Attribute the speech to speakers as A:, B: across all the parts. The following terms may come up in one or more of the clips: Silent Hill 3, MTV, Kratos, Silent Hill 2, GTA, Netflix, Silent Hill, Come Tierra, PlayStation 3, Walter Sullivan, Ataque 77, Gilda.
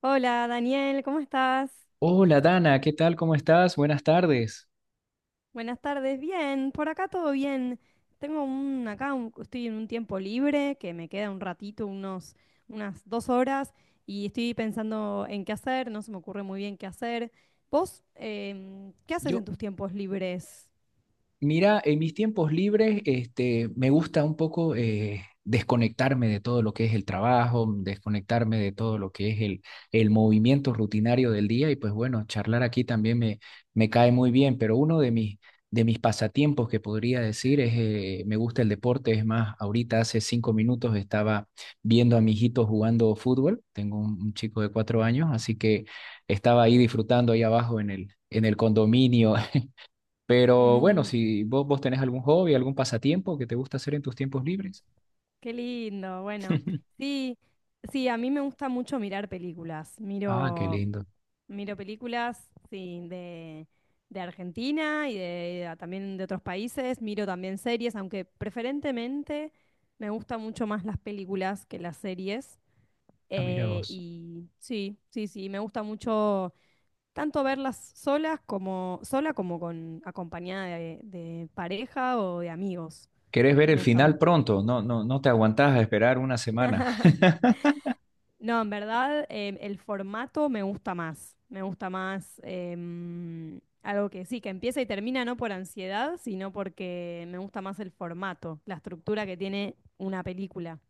A: Hola Daniel, ¿cómo estás?
B: Hola Dana, ¿qué tal? ¿Cómo estás? Buenas tardes.
A: Buenas tardes, bien, por acá todo bien. Tengo estoy en un tiempo libre que me queda un ratito, unas dos horas, y estoy pensando en qué hacer, no se me ocurre muy bien qué hacer. ¿Vos qué haces
B: Yo,
A: en tus tiempos libres?
B: mira, en mis tiempos libres, este, me gusta un poco desconectarme de todo lo que es el trabajo, desconectarme de todo lo que es el movimiento rutinario del día y pues bueno, charlar aquí también me cae muy bien, pero uno de mis pasatiempos que podría decir es, me gusta el deporte, es más, ahorita hace 5 minutos estaba viendo a mi hijito jugando fútbol, tengo un chico de 4 años, así que estaba ahí disfrutando ahí abajo en el condominio. Pero bueno, si vos tenés algún hobby, algún pasatiempo que te gusta hacer en tus tiempos libres.
A: Qué lindo, bueno. Sí, sí, a mí me gusta mucho mirar películas.
B: Ah, qué
A: Miro
B: lindo.
A: Miro películas, sí, de Argentina y de, también de otros países. Miro también series, aunque preferentemente me gustan mucho más las películas que las series.
B: Ah, mira vos.
A: Y sí, sí, sí, me gusta mucho tanto verlas solas como sola como con acompañada de pareja o de amigos.
B: ¿Querés ver
A: Me
B: el
A: gusta
B: final
A: mucho.
B: pronto? No, no, no te aguantás a esperar una semana.
A: No, en verdad el formato me gusta más. Me gusta más algo que sí, que empieza y termina no por ansiedad, sino porque me gusta más el formato, la estructura que tiene una película.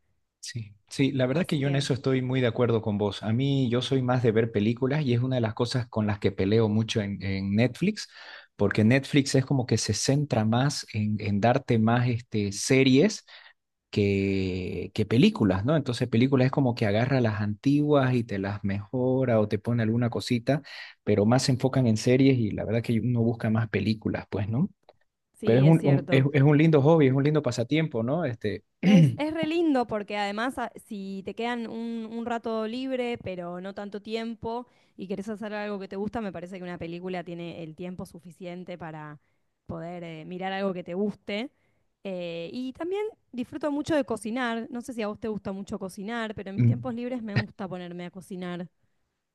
B: Sí, sí, la verdad que
A: Así
B: yo en
A: que
B: eso estoy muy de acuerdo con vos. A mí yo soy más de ver películas y es una de las cosas con las que peleo mucho en Netflix, porque Netflix es como que se centra más en darte más este, series que películas, ¿no? Entonces películas es como que agarra las antiguas y te las mejora o te pone alguna cosita, pero más se enfocan en series y la verdad que uno busca más películas, pues, ¿no? Pero es
A: sí, es
B: un, un- es,
A: cierto.
B: es un lindo hobby, es un lindo pasatiempo, ¿no? Este,
A: Es re lindo porque además si te quedan un rato libre, pero no tanto tiempo, y querés hacer algo que te gusta, me parece que una película tiene el tiempo suficiente para poder mirar algo que te guste. Y también disfruto mucho de cocinar. No sé si a vos te gusta mucho cocinar, pero en mis tiempos libres me gusta ponerme a cocinar.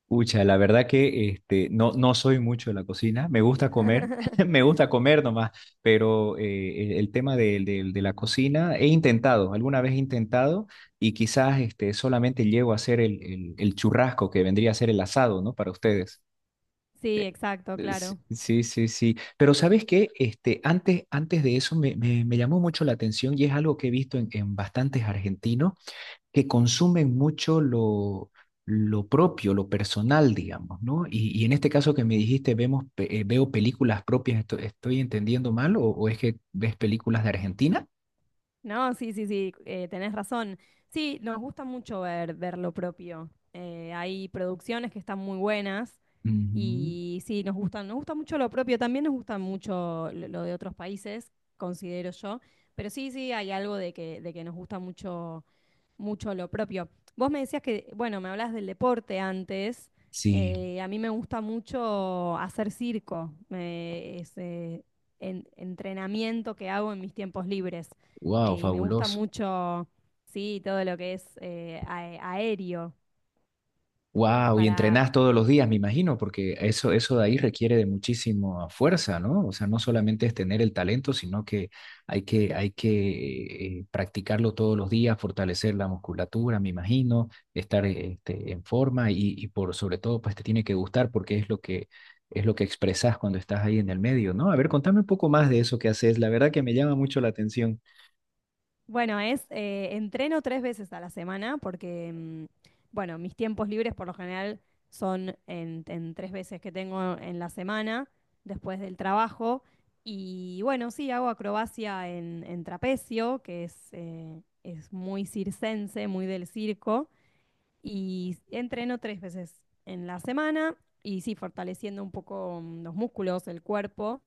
B: pucha, la verdad que este, no, no soy mucho de la cocina, me gusta comer, me gusta comer nomás, pero el tema de la cocina he intentado, alguna vez he intentado y quizás este, solamente llego a hacer el churrasco que vendría a ser el asado, ¿no? Para ustedes.
A: Sí, exacto,
B: Sí,
A: claro.
B: sí, sí, sí. Pero ¿sabes qué? Este, antes de eso me llamó mucho la atención y es algo que he visto en bastantes argentinos que consumen mucho lo propio, lo personal, digamos, ¿no? Y en este caso que me dijiste, veo películas propias, ¿estoy entendiendo mal o es que ves películas de Argentina?
A: No, sí, sí, sí, tenés razón. Sí, nos gusta mucho ver, ver lo propio. Hay producciones que están muy buenas.
B: Ujú.
A: Y sí, nos gustan, nos gusta mucho lo propio, también nos gusta mucho lo de otros países, considero yo, pero sí, sí, hay algo de que nos gusta mucho, mucho lo propio. Vos me decías que, bueno, me hablas del deporte antes,
B: Sí,
A: a mí me gusta mucho hacer circo, entrenamiento que hago en mis tiempos libres,
B: wow,
A: y me gusta
B: fabuloso.
A: mucho, sí, todo lo que es aéreo.
B: Wow, y
A: Para,
B: entrenás todos los días, me imagino, porque eso de ahí requiere de muchísima fuerza, ¿no? O sea, no solamente es tener el talento, sino que hay que practicarlo todos los días, fortalecer la musculatura, me imagino, estar este, en forma y por sobre todo, pues te tiene que gustar porque es lo que expresas cuando estás ahí en el medio, ¿no? A ver, contame un poco más de eso que haces. La verdad que me llama mucho la atención.
A: bueno, es entreno tres veces a la semana porque, bueno, mis tiempos libres por lo general son en tres veces que tengo en la semana después del trabajo. Y bueno, sí, hago acrobacia en trapecio, que es muy circense, muy del circo. Y entreno tres veces en la semana y sí, fortaleciendo un poco los músculos, el cuerpo.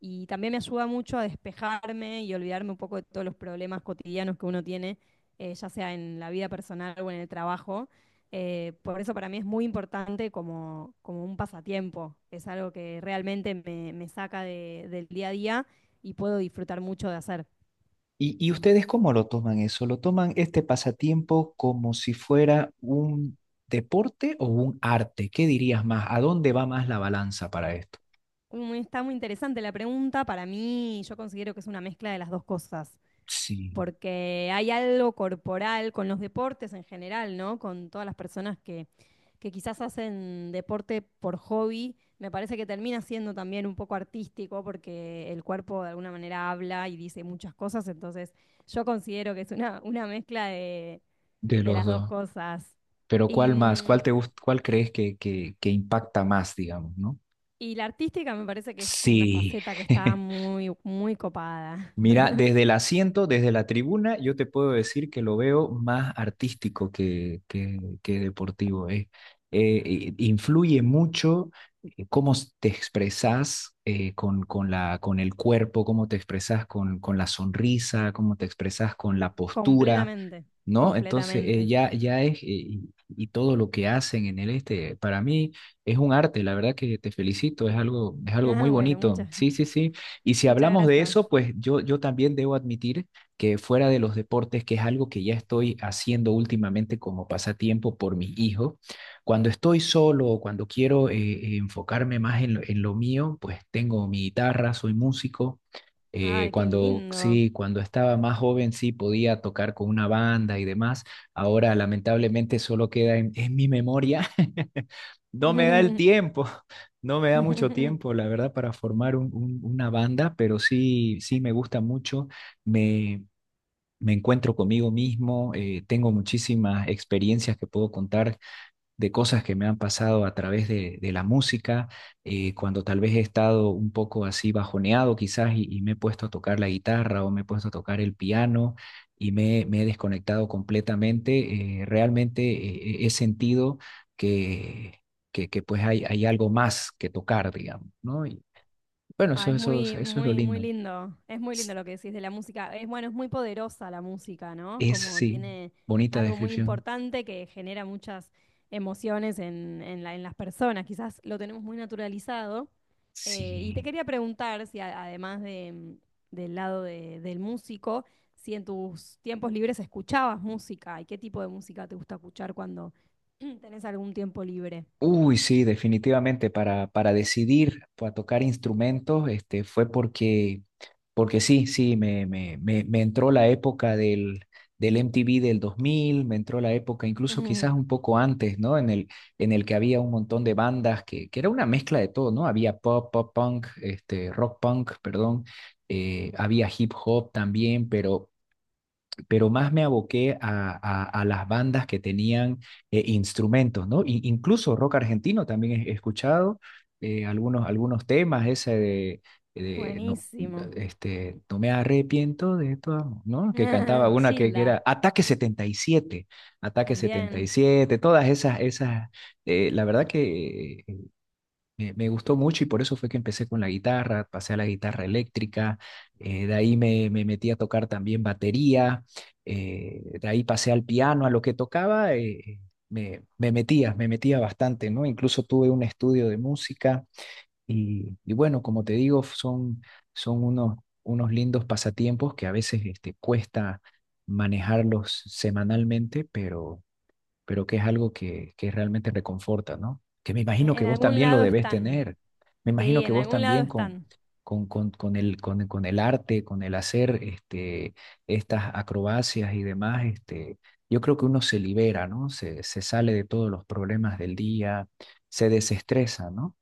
A: Y también me ayuda mucho a despejarme y olvidarme un poco de todos los problemas cotidianos que uno tiene, ya sea en la vida personal o en el trabajo. Por eso para mí es muy importante como, como un pasatiempo. Es algo que realmente me saca del día a día y puedo disfrutar mucho de hacer.
B: ¿Y ustedes cómo lo toman eso? ¿Lo toman este pasatiempo como si fuera un deporte o un arte? ¿Qué dirías más? ¿A dónde va más la balanza para esto?
A: Está muy interesante la pregunta. Para mí, yo considero que es una mezcla de las dos cosas,
B: Sí,
A: porque hay algo corporal con los deportes en general, ¿no? Con todas las personas que quizás hacen deporte por hobby, me parece que termina siendo también un poco artístico porque el cuerpo de alguna manera habla y dice muchas cosas, entonces yo considero que es una mezcla
B: de
A: de
B: los
A: las dos
B: dos.
A: cosas.
B: Pero
A: Y,
B: ¿cuál más?
A: mm,
B: ¿ Cuál crees que impacta más, digamos, ¿no?
A: y la artística me parece que es como una
B: Sí.
A: faceta que está muy, muy copada.
B: Mira, desde el asiento, desde la tribuna, yo te puedo decir que lo veo más artístico que, que deportivo. Influye mucho cómo te expresas con el cuerpo, cómo te expresas con la sonrisa, cómo te expresas con
A: Sí.
B: la postura.
A: Completamente,
B: ¿No? Entonces,
A: completamente.
B: ya es, y todo lo que hacen en el este, para mí es un arte, la verdad que te felicito, es algo muy
A: Ah, bueno,
B: bonito,
A: muchas.
B: sí, sí, sí. Y si
A: Muchas
B: hablamos de
A: gracias.
B: eso, pues yo también debo admitir que fuera de los deportes, que es algo que ya estoy haciendo últimamente como pasatiempo por mi hijo, cuando estoy solo o cuando quiero enfocarme más en lo mío, pues tengo mi guitarra, soy músico.
A: Ay, qué
B: Cuando
A: lindo.
B: sí, cuando estaba más joven sí podía tocar con una banda y demás. Ahora lamentablemente solo queda en mi memoria. No me da el tiempo, no me da mucho tiempo, la verdad, para formar una banda, pero sí, sí me gusta mucho. Me, me encuentro conmigo mismo, tengo muchísimas experiencias que puedo contar de cosas que me han pasado a través de la música, cuando tal vez he estado un poco así bajoneado quizás y me he puesto a tocar la guitarra o me he puesto a tocar el piano y me he desconectado completamente, realmente he sentido que, que pues hay algo más que tocar, digamos, ¿no? Y bueno,
A: Ah,
B: eso,
A: es
B: eso, eso
A: muy,
B: es lo
A: muy, muy
B: lindo.
A: lindo. Es muy lindo lo que decís de la música. Es bueno, es muy poderosa la música, ¿no?
B: Es,
A: Como
B: sí,
A: tiene
B: bonita
A: algo muy
B: descripción.
A: importante que genera muchas emociones en las personas. Quizás lo tenemos muy naturalizado. Y te
B: Sí.
A: quería preguntar si además de, del lado del músico, si en tus tiempos libres escuchabas música y qué tipo de música te gusta escuchar cuando tenés algún tiempo libre.
B: Uy, sí, definitivamente para decidir a tocar instrumentos, este, fue porque sí, sí, me entró la época del MTV del 2000 me entró la época incluso quizás un poco antes, ¿no? En el que había un montón de bandas que era una mezcla de todo, ¿no? Había pop, pop punk, este, rock punk, perdón, había hip hop también, pero más me aboqué a las bandas que tenían instrumentos, ¿no? Incluso rock argentino también he escuchado algunos temas, ese de no,
A: Buenísimo.
B: este, no me arrepiento de tu amor, ¿no? Que cantaba una que
A: Gilda.
B: era Ataque 77, Ataque
A: También,
B: 77, todas esas, esas, la verdad que me gustó mucho y por eso fue que empecé con la guitarra, pasé a la guitarra eléctrica, de ahí me metí a tocar también batería, de ahí pasé al piano, a lo que tocaba, me metía bastante, ¿no? Incluso tuve un estudio de música y bueno, como te digo, son unos lindos pasatiempos que a veces este, cuesta manejarlos semanalmente, pero que es algo que, realmente reconforta, ¿no? Que me imagino que
A: en
B: vos
A: algún
B: también lo
A: lado
B: debes
A: están,
B: tener. Me
A: sí,
B: imagino que
A: en
B: vos
A: algún lado
B: también con,
A: están,
B: con, con, con el, con, con el arte, con el hacer este, estas acrobacias y demás, este, yo creo que uno se libera, ¿no? Se sale de todos los problemas del día, se desestresa, ¿no?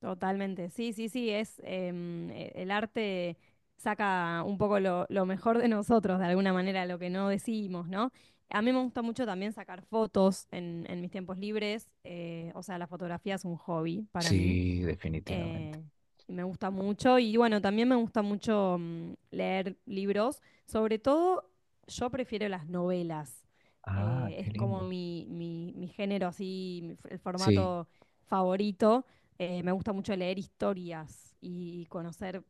A: totalmente. Sí, sí, sí, es el arte saca un poco lo mejor de nosotros, de alguna manera, lo que no decimos, ¿no? A mí me gusta mucho también sacar fotos en mis tiempos libres, o sea, la fotografía es un hobby para mí.
B: Sí, definitivamente.
A: eh, Me gusta mucho y bueno, también me gusta mucho leer libros. Sobre todo, yo prefiero las novelas.
B: Ah, qué
A: Es como
B: lindo.
A: mi género así, el
B: Sí.
A: formato favorito. Me gusta mucho leer historias y conocer,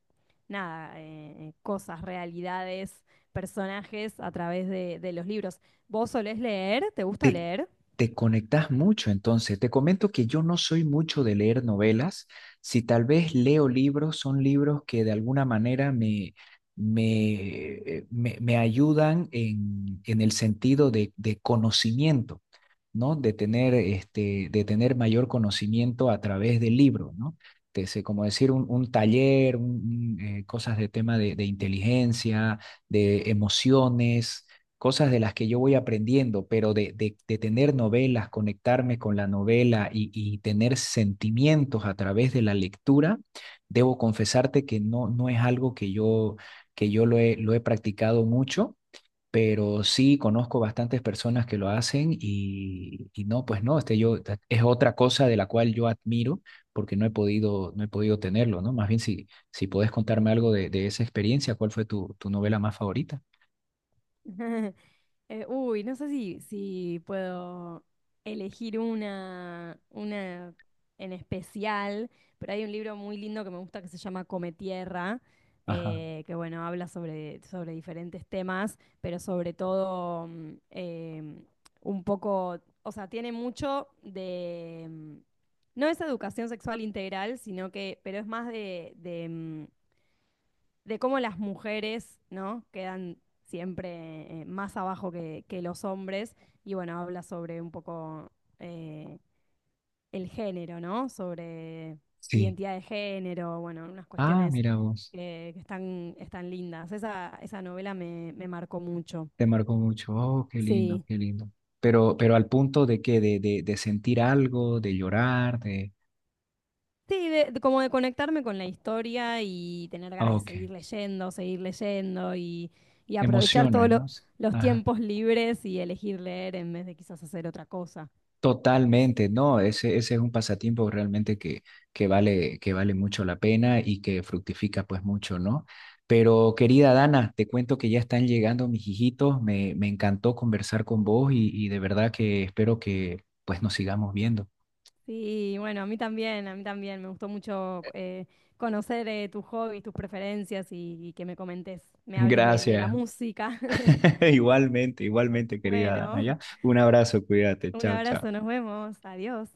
A: nada, cosas, realidades, personajes a través de los libros. ¿Vos solés leer? ¿Te gusta
B: Te,
A: leer?
B: te conectas mucho, entonces. Te comento que yo no soy mucho de leer novelas. Si tal vez leo libros, son libros que de alguna manera me, me ayudan en el sentido de conocimiento, ¿no? De tener, este, de tener mayor conocimiento a través del libro, ¿no? Te sé, como decir, un taller, cosas de tema de inteligencia, de emociones, cosas de las que yo voy aprendiendo, pero de tener novelas, conectarme con la novela y tener sentimientos a través de la lectura, debo confesarte que no, no es algo que yo lo he practicado mucho. Pero sí conozco bastantes personas que lo hacen y no, pues no, este yo, es otra cosa de la cual yo admiro porque no he podido, no he podido tenerlo, ¿no? Más bien si podés contarme algo de esa experiencia, ¿cuál fue tu novela más favorita?
A: Uy, no sé si, si puedo elegir una en especial, pero hay un libro muy lindo que me gusta que se llama Come Tierra,
B: Ajá,
A: que bueno, habla sobre, sobre diferentes temas, pero sobre todo em, un poco, o sea, tiene mucho de, no es educación sexual integral, sino que, pero es más de cómo las mujeres, ¿no? Quedan siempre más abajo que los hombres. Y bueno, habla sobre un poco eh, el género, ¿no? Sobre
B: sí.
A: identidad de género, bueno, unas
B: Ah,
A: cuestiones
B: mira vos,
A: que están, están lindas. Esa novela me marcó mucho.
B: te marcó mucho. Oh, qué lindo,
A: Sí.
B: qué lindo. Pero al punto de que de sentir algo, de llorar, de...
A: Sí, como de conectarme con la historia y tener ganas
B: Ah,
A: de
B: ok,
A: seguir leyendo y aprovechar
B: emociones,
A: todos
B: ¿no?
A: los
B: Ajá.
A: tiempos libres y elegir leer en vez de quizás hacer otra cosa.
B: Totalmente, no, ese es un pasatiempo realmente que vale mucho la pena y que fructifica pues mucho, ¿no? Pero querida Dana, te cuento que ya están llegando mis hijitos, me encantó conversar con vos y de verdad que espero que pues nos sigamos viendo.
A: Sí, bueno, a mí también, a mí también. Me gustó mucho conocer tus hobbies, tus preferencias y que me comentes, me hables de la
B: Gracias.
A: música.
B: Igualmente, igualmente, querida Dana,
A: Bueno,
B: ¿ya? Un abrazo, cuídate,
A: un
B: chao,
A: abrazo,
B: chao.
A: nos vemos, adiós.